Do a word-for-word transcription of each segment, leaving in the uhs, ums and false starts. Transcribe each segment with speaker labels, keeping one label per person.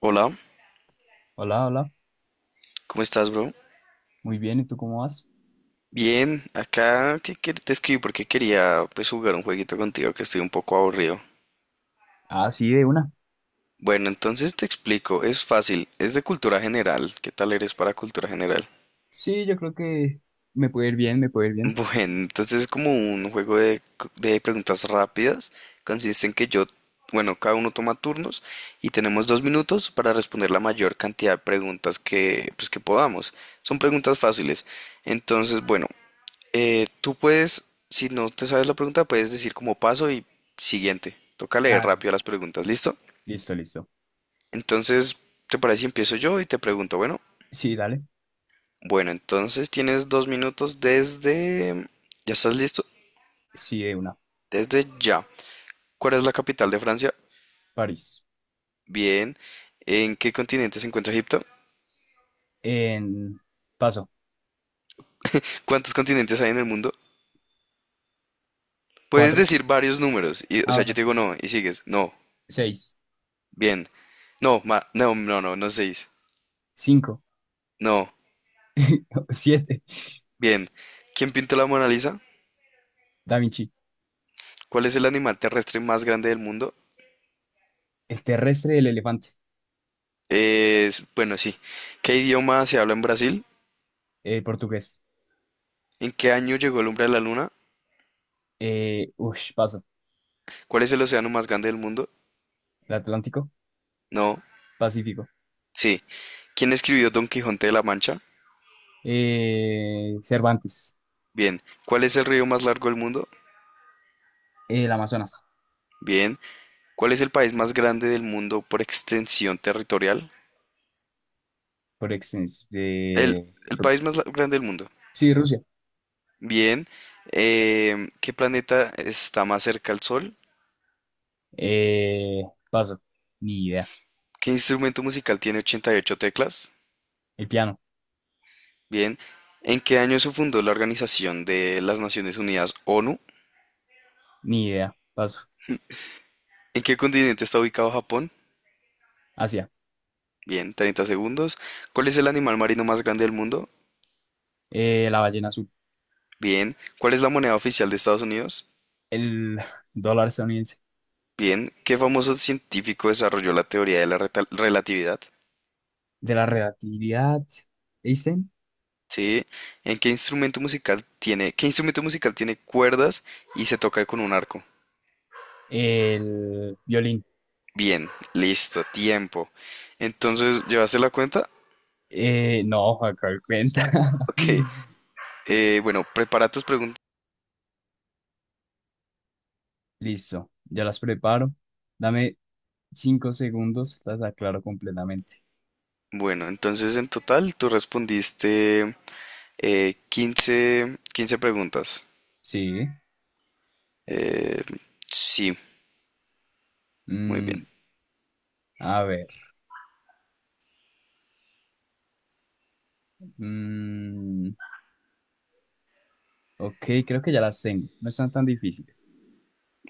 Speaker 1: Hola,
Speaker 2: Hola, hola.
Speaker 1: ¿cómo estás, bro?
Speaker 2: Muy bien, ¿y tú cómo vas?
Speaker 1: Bien, acá que quer- te escribí porque quería pues jugar un jueguito contigo que estoy un poco aburrido.
Speaker 2: Ah, sí, de una.
Speaker 1: Bueno, entonces te explico, es fácil, es de cultura general. ¿Qué tal eres para cultura general?
Speaker 2: Sí, yo creo que me puede ir bien, me puede ir bien.
Speaker 1: Bueno, entonces es como un juego de, c- de preguntas rápidas. Consiste en que yo, bueno, cada uno toma turnos y tenemos dos minutos para responder la mayor cantidad de preguntas que, pues, que podamos. Son preguntas fáciles. Entonces, bueno, Eh, tú puedes, si no te sabes la pregunta, puedes decir como paso y siguiente. Toca leer
Speaker 2: Ah,
Speaker 1: rápido
Speaker 2: listo.
Speaker 1: las preguntas, ¿listo?
Speaker 2: Listo, listo.
Speaker 1: Entonces, ¿te parece si empiezo yo y te pregunto? Bueno,
Speaker 2: Sí, dale.
Speaker 1: bueno, entonces tienes dos minutos desde... ¿Ya estás listo?
Speaker 2: Sí, de una.
Speaker 1: Desde ya. ¿Cuál es la capital de Francia?
Speaker 2: París.
Speaker 1: Bien. ¿En qué continente se encuentra Egipto?
Speaker 2: En Paso.
Speaker 1: ¿Cuántos continentes hay en el mundo? Puedes
Speaker 2: Cuatro.
Speaker 1: decir varios números. Y, o
Speaker 2: Ah,
Speaker 1: sea, yo
Speaker 2: bueno,
Speaker 1: te digo
Speaker 2: sí.
Speaker 1: no y sigues. No.
Speaker 2: Seis.
Speaker 1: Bien. No, ma- no, no, no, no seis.
Speaker 2: Cinco.
Speaker 1: No.
Speaker 2: Siete.
Speaker 1: Bien. ¿Quién pintó la Mona Lisa?
Speaker 2: Da Vinci.
Speaker 1: ¿Cuál es el animal terrestre más grande del mundo?
Speaker 2: El terrestre el elefante.
Speaker 1: Es, bueno, sí. ¿Qué idioma se habla en Brasil?
Speaker 2: Eh, portugués.
Speaker 1: ¿En qué año llegó el hombre a la luna?
Speaker 2: Eh, ush, paso.
Speaker 1: ¿Cuál es el océano más grande del mundo?
Speaker 2: El Atlántico.
Speaker 1: No,
Speaker 2: Pacífico.
Speaker 1: sí. ¿Quién escribió Don Quijote de la Mancha?
Speaker 2: Eh, Cervantes.
Speaker 1: Bien. ¿Cuál es el río más largo del mundo?
Speaker 2: El Amazonas.
Speaker 1: Bien. ¿Cuál es el país más grande del mundo por extensión territorial?
Speaker 2: Por extensión.
Speaker 1: El,
Speaker 2: Eh,
Speaker 1: el
Speaker 2: Ru-
Speaker 1: país más la- grande del mundo.
Speaker 2: sí, Rusia.
Speaker 1: Bien. Em, ¿qué planeta está más cerca al Sol?
Speaker 2: Eh, Paso. Ni idea.
Speaker 1: ¿Qué instrumento musical tiene ochenta y ocho teclas?
Speaker 2: El piano.
Speaker 1: Bien, ¿en qué año se fundó la Organización de las Naciones Unidas, ONU?
Speaker 2: Ni idea. Paso.
Speaker 1: ¿En qué continente está ubicado Japón?
Speaker 2: Asia.
Speaker 1: Bien, treinta segundos. ¿Cuál es el animal marino más grande del mundo?
Speaker 2: Eh, la ballena azul.
Speaker 1: Bien. ¿Cuál es la moneda oficial de Estados Unidos?
Speaker 2: El dólar estadounidense.
Speaker 1: Bien. ¿Qué famoso científico desarrolló la teoría de la reta- relatividad?
Speaker 2: De la relatividad. Einstein.
Speaker 1: Sí. ¿En qué instrumento musical tiene, qué instrumento musical tiene cuerdas y se toca con un arco?
Speaker 2: El violín.
Speaker 1: Bien, listo, tiempo. Entonces, ¿llevaste la cuenta?
Speaker 2: Eh, no, acá cuenta.
Speaker 1: Ok. Eh, bueno, prepara tus preguntas.
Speaker 2: Listo. Ya las preparo. Dame cinco segundos. Las aclaro completamente.
Speaker 1: Bueno, entonces en total tú respondiste eh, quince 15 preguntas.
Speaker 2: Sí.
Speaker 1: Eh, sí, muy bien.
Speaker 2: Mm, a ver. Mm, ok, creo que ya las tengo. No están tan difíciles.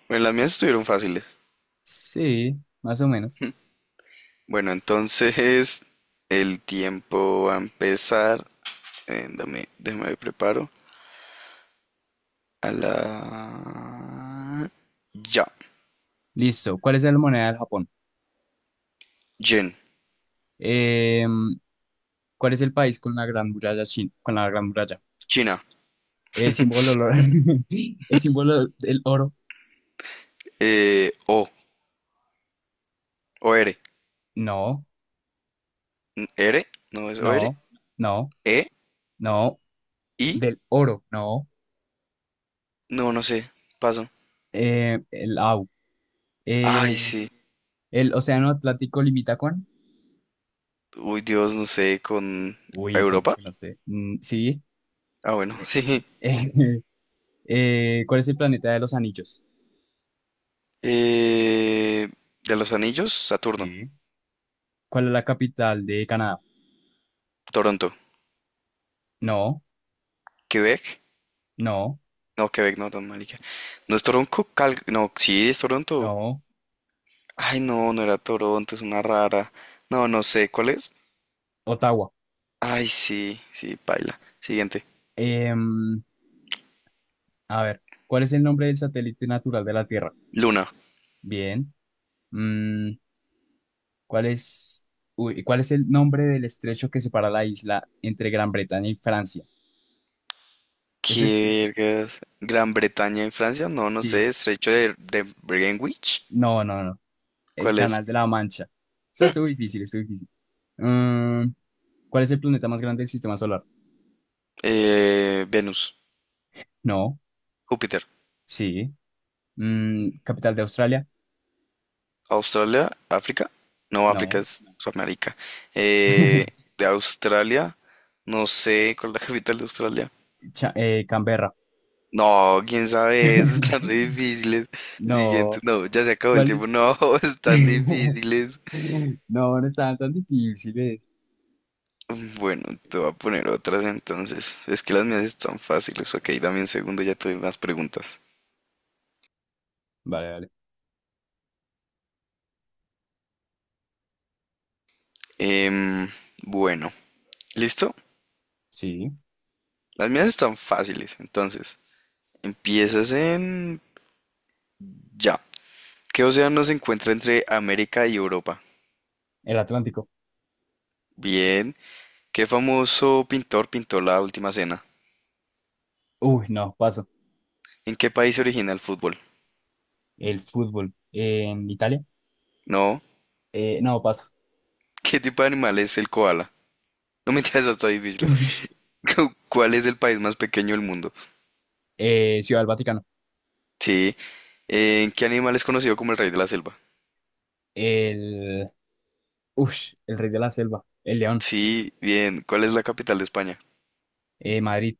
Speaker 1: Bueno, las mías estuvieron fáciles.
Speaker 2: Sí, más o menos.
Speaker 1: Bueno, entonces el tiempo va a empezar. Eh, dame, déjame me preparo. A la... Ya.
Speaker 2: Listo. ¿Cuál es la moneda del Japón?
Speaker 1: Yen.
Speaker 2: Em, ¿Cuál es el país con la gran muralla china? Con la gran muralla.
Speaker 1: China.
Speaker 2: El símbolo del oro. El símbolo del oro.
Speaker 1: Eh, o. O R.
Speaker 2: No,
Speaker 1: N- R. No es O R.
Speaker 2: no, no,
Speaker 1: E.
Speaker 2: no.
Speaker 1: I.
Speaker 2: Del oro, no.
Speaker 1: No, no sé. Paso.
Speaker 2: Eh, el au.
Speaker 1: Ay,
Speaker 2: Eh,
Speaker 1: sí.
Speaker 2: el océano Atlántico limita con.
Speaker 1: Uy, Dios, no sé, con
Speaker 2: Uy, como
Speaker 1: Europa.
Speaker 2: que no sé. Mm, sí.
Speaker 1: Ah, bueno,
Speaker 2: Eh,
Speaker 1: sí.
Speaker 2: eh, eh, ¿Cuál es el planeta de los anillos?
Speaker 1: Eh, de los anillos, Saturno,
Speaker 2: Sí. ¿Cuál es la capital de Canadá?
Speaker 1: Toronto,
Speaker 2: No,
Speaker 1: Quebec.
Speaker 2: no,
Speaker 1: No, Quebec, no, tan marica. No es Toronto, Cal... No, sí, es Toronto.
Speaker 2: no.
Speaker 1: Ay, no, no era Toronto, es una rara. No, no sé, ¿cuál es?
Speaker 2: Ottawa.
Speaker 1: Ay, sí, sí, paila. Siguiente.
Speaker 2: Em, A ver, ¿cuál es el nombre del satélite natural de la Tierra?
Speaker 1: Luna.
Speaker 2: Bien. Mm, ¿cuál es, Uy, ¿cuál es el nombre del estrecho que separa la isla entre Gran Bretaña y Francia? Ese es, ese-
Speaker 1: ¿Qué vergas? Gran Bretaña en Francia. No, no
Speaker 2: sí.
Speaker 1: sé. Estrecho de, de Greenwich.
Speaker 2: No, no, no. El
Speaker 1: ¿Cuál es?
Speaker 2: Canal de la Mancha. Está muy difícil, es difícil. Mm, ¿Cuál es el planeta más grande del sistema solar?
Speaker 1: Eh, Venus.
Speaker 2: No.
Speaker 1: Júpiter.
Speaker 2: Sí. Mm, ¿capital de Australia?
Speaker 1: Australia, África. No, África
Speaker 2: No.
Speaker 1: es Sudamérica. Eh, de Australia, no sé cuál es la capital de Australia.
Speaker 2: Cha- eh, Canberra.
Speaker 1: No, quién sabe, eso están re difíciles. Siguiente,
Speaker 2: No.
Speaker 1: no, ya se acabó el
Speaker 2: ¿Cuál
Speaker 1: tiempo.
Speaker 2: es?
Speaker 1: No, están difíciles.
Speaker 2: No, no estaban tan difíciles.
Speaker 1: Bueno, te voy a poner otras entonces. Es que las mías están fáciles. Ok, dame un segundo, ya te doy más preguntas.
Speaker 2: Vale, vale.
Speaker 1: Em, bueno, ¿listo?
Speaker 2: Sí.
Speaker 1: Las mías están fáciles. Entonces, empiezas en ya. ¿Qué océano se encuentra entre América y Europa?
Speaker 2: El Atlántico.
Speaker 1: Bien. ¿Qué famoso pintor pintó la última cena?
Speaker 2: Uy, no, paso.
Speaker 1: ¿En qué país se origina el fútbol?
Speaker 2: El fútbol. En Italia.
Speaker 1: No.
Speaker 2: Eh, no, paso.
Speaker 1: ¿Qué tipo de animal es el koala? No me interesa, está difícil.
Speaker 2: Ush.
Speaker 1: ¿Cuál es el país más pequeño del mundo?
Speaker 2: Eh, Ciudad del Vaticano.
Speaker 1: Sí. ¿En qué animal es conocido como el rey de la selva?
Speaker 2: El. Ush, el Rey de la Selva. El León.
Speaker 1: Sí, bien. ¿Cuál es la capital de España?
Speaker 2: Eh, Madrid.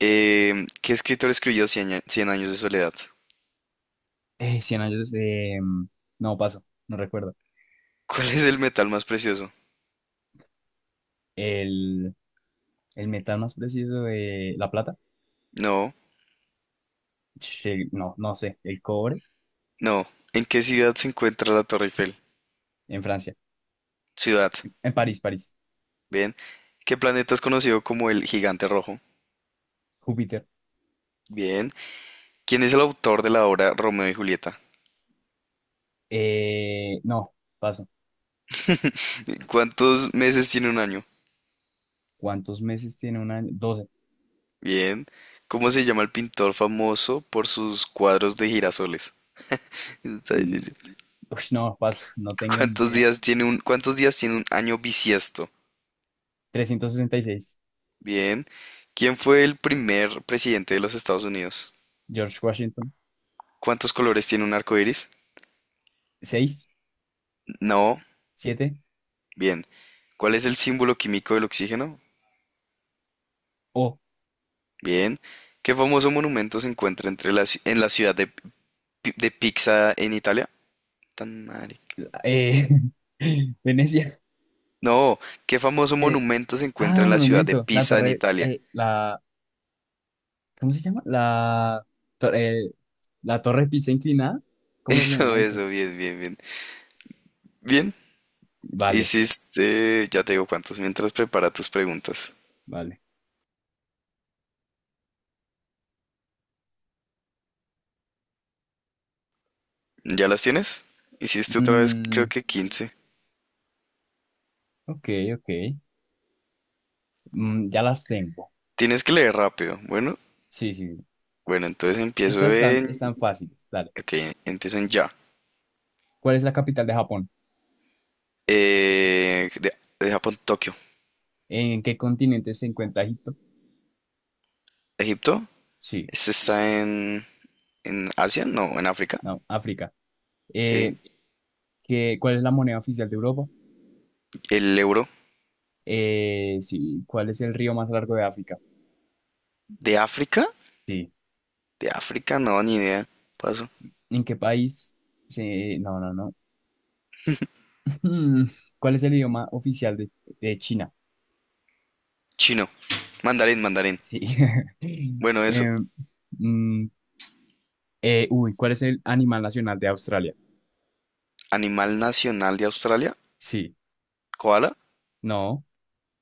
Speaker 1: Em, ¿qué escritor escribió Cien, a- Cien años de soledad?
Speaker 2: Eh, Cien años. Eh, no, paso. No recuerdo.
Speaker 1: ¿Cuál es el metal más precioso?
Speaker 2: El. El metal más preciso de la plata.
Speaker 1: No,
Speaker 2: Che, no, no sé. El cobre.
Speaker 1: no. ¿En qué ciudad se encuentra la Torre Eiffel?
Speaker 2: En Francia.
Speaker 1: Ciudad.
Speaker 2: En París, París.
Speaker 1: Bien. ¿Qué planeta es conocido como el Gigante Rojo?
Speaker 2: Júpiter.
Speaker 1: Bien. ¿Quién es el autor de la obra Romeo y Julieta?
Speaker 2: Eh, no, paso.
Speaker 1: ¿Cuántos meses tiene un año?
Speaker 2: ¿Cuántos meses tiene un año? Doce.
Speaker 1: Bien. ¿Cómo se llama el pintor famoso por sus cuadros de girasoles? Está difícil.
Speaker 2: Uy, no, paso, no tengo ni
Speaker 1: ¿Cuántos
Speaker 2: idea.
Speaker 1: días tiene un, cuántos días tiene un año bisiesto?
Speaker 2: Trescientos sesenta y seis.
Speaker 1: Bien. ¿Quién fue el primer presidente de los Estados Unidos?
Speaker 2: George Washington.
Speaker 1: ¿Cuántos colores tiene un arco iris?
Speaker 2: Seis.
Speaker 1: No.
Speaker 2: Siete.
Speaker 1: Bien. ¿Cuál es el símbolo químico del oxígeno?
Speaker 2: O.
Speaker 1: Bien. ¿Qué famoso monumento se encuentra entre la, ci- en la ciudad de, Pi- de Pisa en Italia? Tan marica.
Speaker 2: eh, Venecia,
Speaker 1: No, ¿qué famoso
Speaker 2: que,
Speaker 1: monumento se encuentra
Speaker 2: ah,
Speaker 1: en la ciudad de
Speaker 2: monumento, la
Speaker 1: Pisa en
Speaker 2: torre,
Speaker 1: Italia?
Speaker 2: eh, la, ¿cómo se llama? La, tor- eh, la torre pizza inclinada, ¿cómo se
Speaker 1: Eso,
Speaker 2: llama eso?
Speaker 1: eso, bien, bien, bien. Bien,
Speaker 2: Vale,
Speaker 1: hiciste, ya te digo cuántos, mientras prepara tus preguntas.
Speaker 2: vale.
Speaker 1: ¿Ya las tienes? Hiciste otra vez, creo
Speaker 2: Mm,
Speaker 1: que quince.
Speaker 2: ok, ok, Mm, ya las tengo.
Speaker 1: Tienes que leer rápido. Bueno,
Speaker 2: Sí, sí, sí.
Speaker 1: bueno, entonces empiezo
Speaker 2: Esas están,
Speaker 1: en...
Speaker 2: están fáciles, dale.
Speaker 1: Ok, empiezo en ya.
Speaker 2: ¿Cuál es la capital de Japón?
Speaker 1: Eh, de, de Japón, Tokio.
Speaker 2: ¿En qué continente se encuentra Egipto?
Speaker 1: Egipto.
Speaker 2: Sí,
Speaker 1: Este está en... ¿En Asia? No, en África.
Speaker 2: no, África.
Speaker 1: Sí.
Speaker 2: eh, que- ¿Cuál es la moneda oficial de Europa?
Speaker 1: El euro.
Speaker 2: Eh, sí, ¿cuál es el río más largo de África?
Speaker 1: ¿De África?
Speaker 2: Sí.
Speaker 1: De África, no, ni idea. Paso.
Speaker 2: ¿En qué país? Sí, no, no, no. Hmm, ¿Cuál es el idioma oficial de, de China?
Speaker 1: Chino. Mandarín, mandarín.
Speaker 2: Sí.
Speaker 1: Bueno, eso.
Speaker 2: Eh, mm, eh, Uy, ¿cuál es el animal nacional de Australia?
Speaker 1: Animal nacional de Australia.
Speaker 2: Sí.
Speaker 1: Koala.
Speaker 2: No.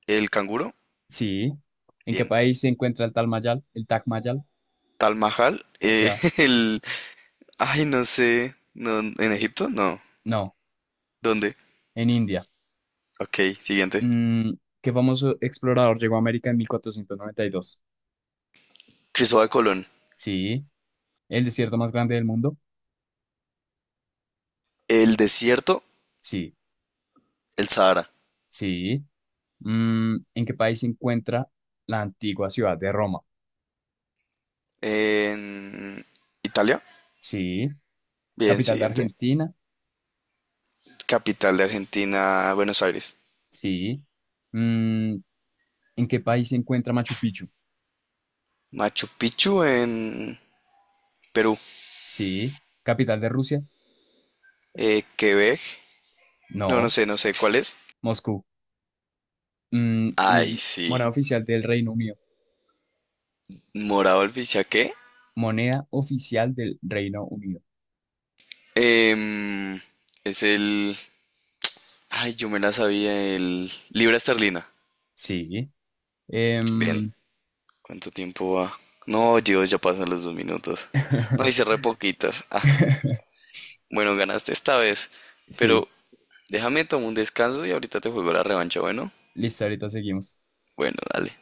Speaker 1: El canguro.
Speaker 2: Sí. ¿En qué
Speaker 1: Bien.
Speaker 2: país se encuentra el Tal Mayal? ¿El Taj Mahal?
Speaker 1: Tal Mahal. eh,
Speaker 2: Ya.
Speaker 1: el... Ay, no sé. No, ¿en Egipto? No.
Speaker 2: No.
Speaker 1: ¿Dónde?
Speaker 2: En India.
Speaker 1: Ok, siguiente.
Speaker 2: Mm, ¿Qué famoso explorador llegó a América en mil cuatrocientos noventa y dos?
Speaker 1: Cristóbal Colón.
Speaker 2: Sí. ¿El desierto más grande del mundo?
Speaker 1: El desierto.
Speaker 2: Sí,
Speaker 1: El Sahara.
Speaker 2: sí. Mm, ¿en qué país se encuentra la antigua ciudad de Roma?
Speaker 1: En Italia.
Speaker 2: Sí.
Speaker 1: Bien,
Speaker 2: ¿Capital de
Speaker 1: siguiente.
Speaker 2: Argentina?
Speaker 1: Capital de Argentina, Buenos Aires.
Speaker 2: Sí. Mm, ¿En qué país se encuentra Machu Picchu?
Speaker 1: Machu Picchu en Perú.
Speaker 2: Sí. ¿Capital de Rusia?
Speaker 1: Eh, Quebec. No, no
Speaker 2: No.
Speaker 1: sé, no sé cuál es.
Speaker 2: Moscú. Mm,
Speaker 1: Ay,
Speaker 2: uy,
Speaker 1: sí.
Speaker 2: moneda oficial del Reino Unido.
Speaker 1: Morado el Fichaqué.
Speaker 2: Moneda oficial del Reino Unido.
Speaker 1: Em, es el... Ay, yo me la sabía. El... Libra esterlina.
Speaker 2: Sí.
Speaker 1: Bien.
Speaker 2: Em,
Speaker 1: ¿Cuánto tiempo va? No, Dios, ya pasan los dos minutos. No, hice re poquitas. Ah, bueno, ganaste esta vez.
Speaker 2: sí.
Speaker 1: Pero déjame tomar un descanso y ahorita te juego la revancha, ¿bueno?
Speaker 2: Listo, ahorita seguimos.
Speaker 1: Bueno, dale.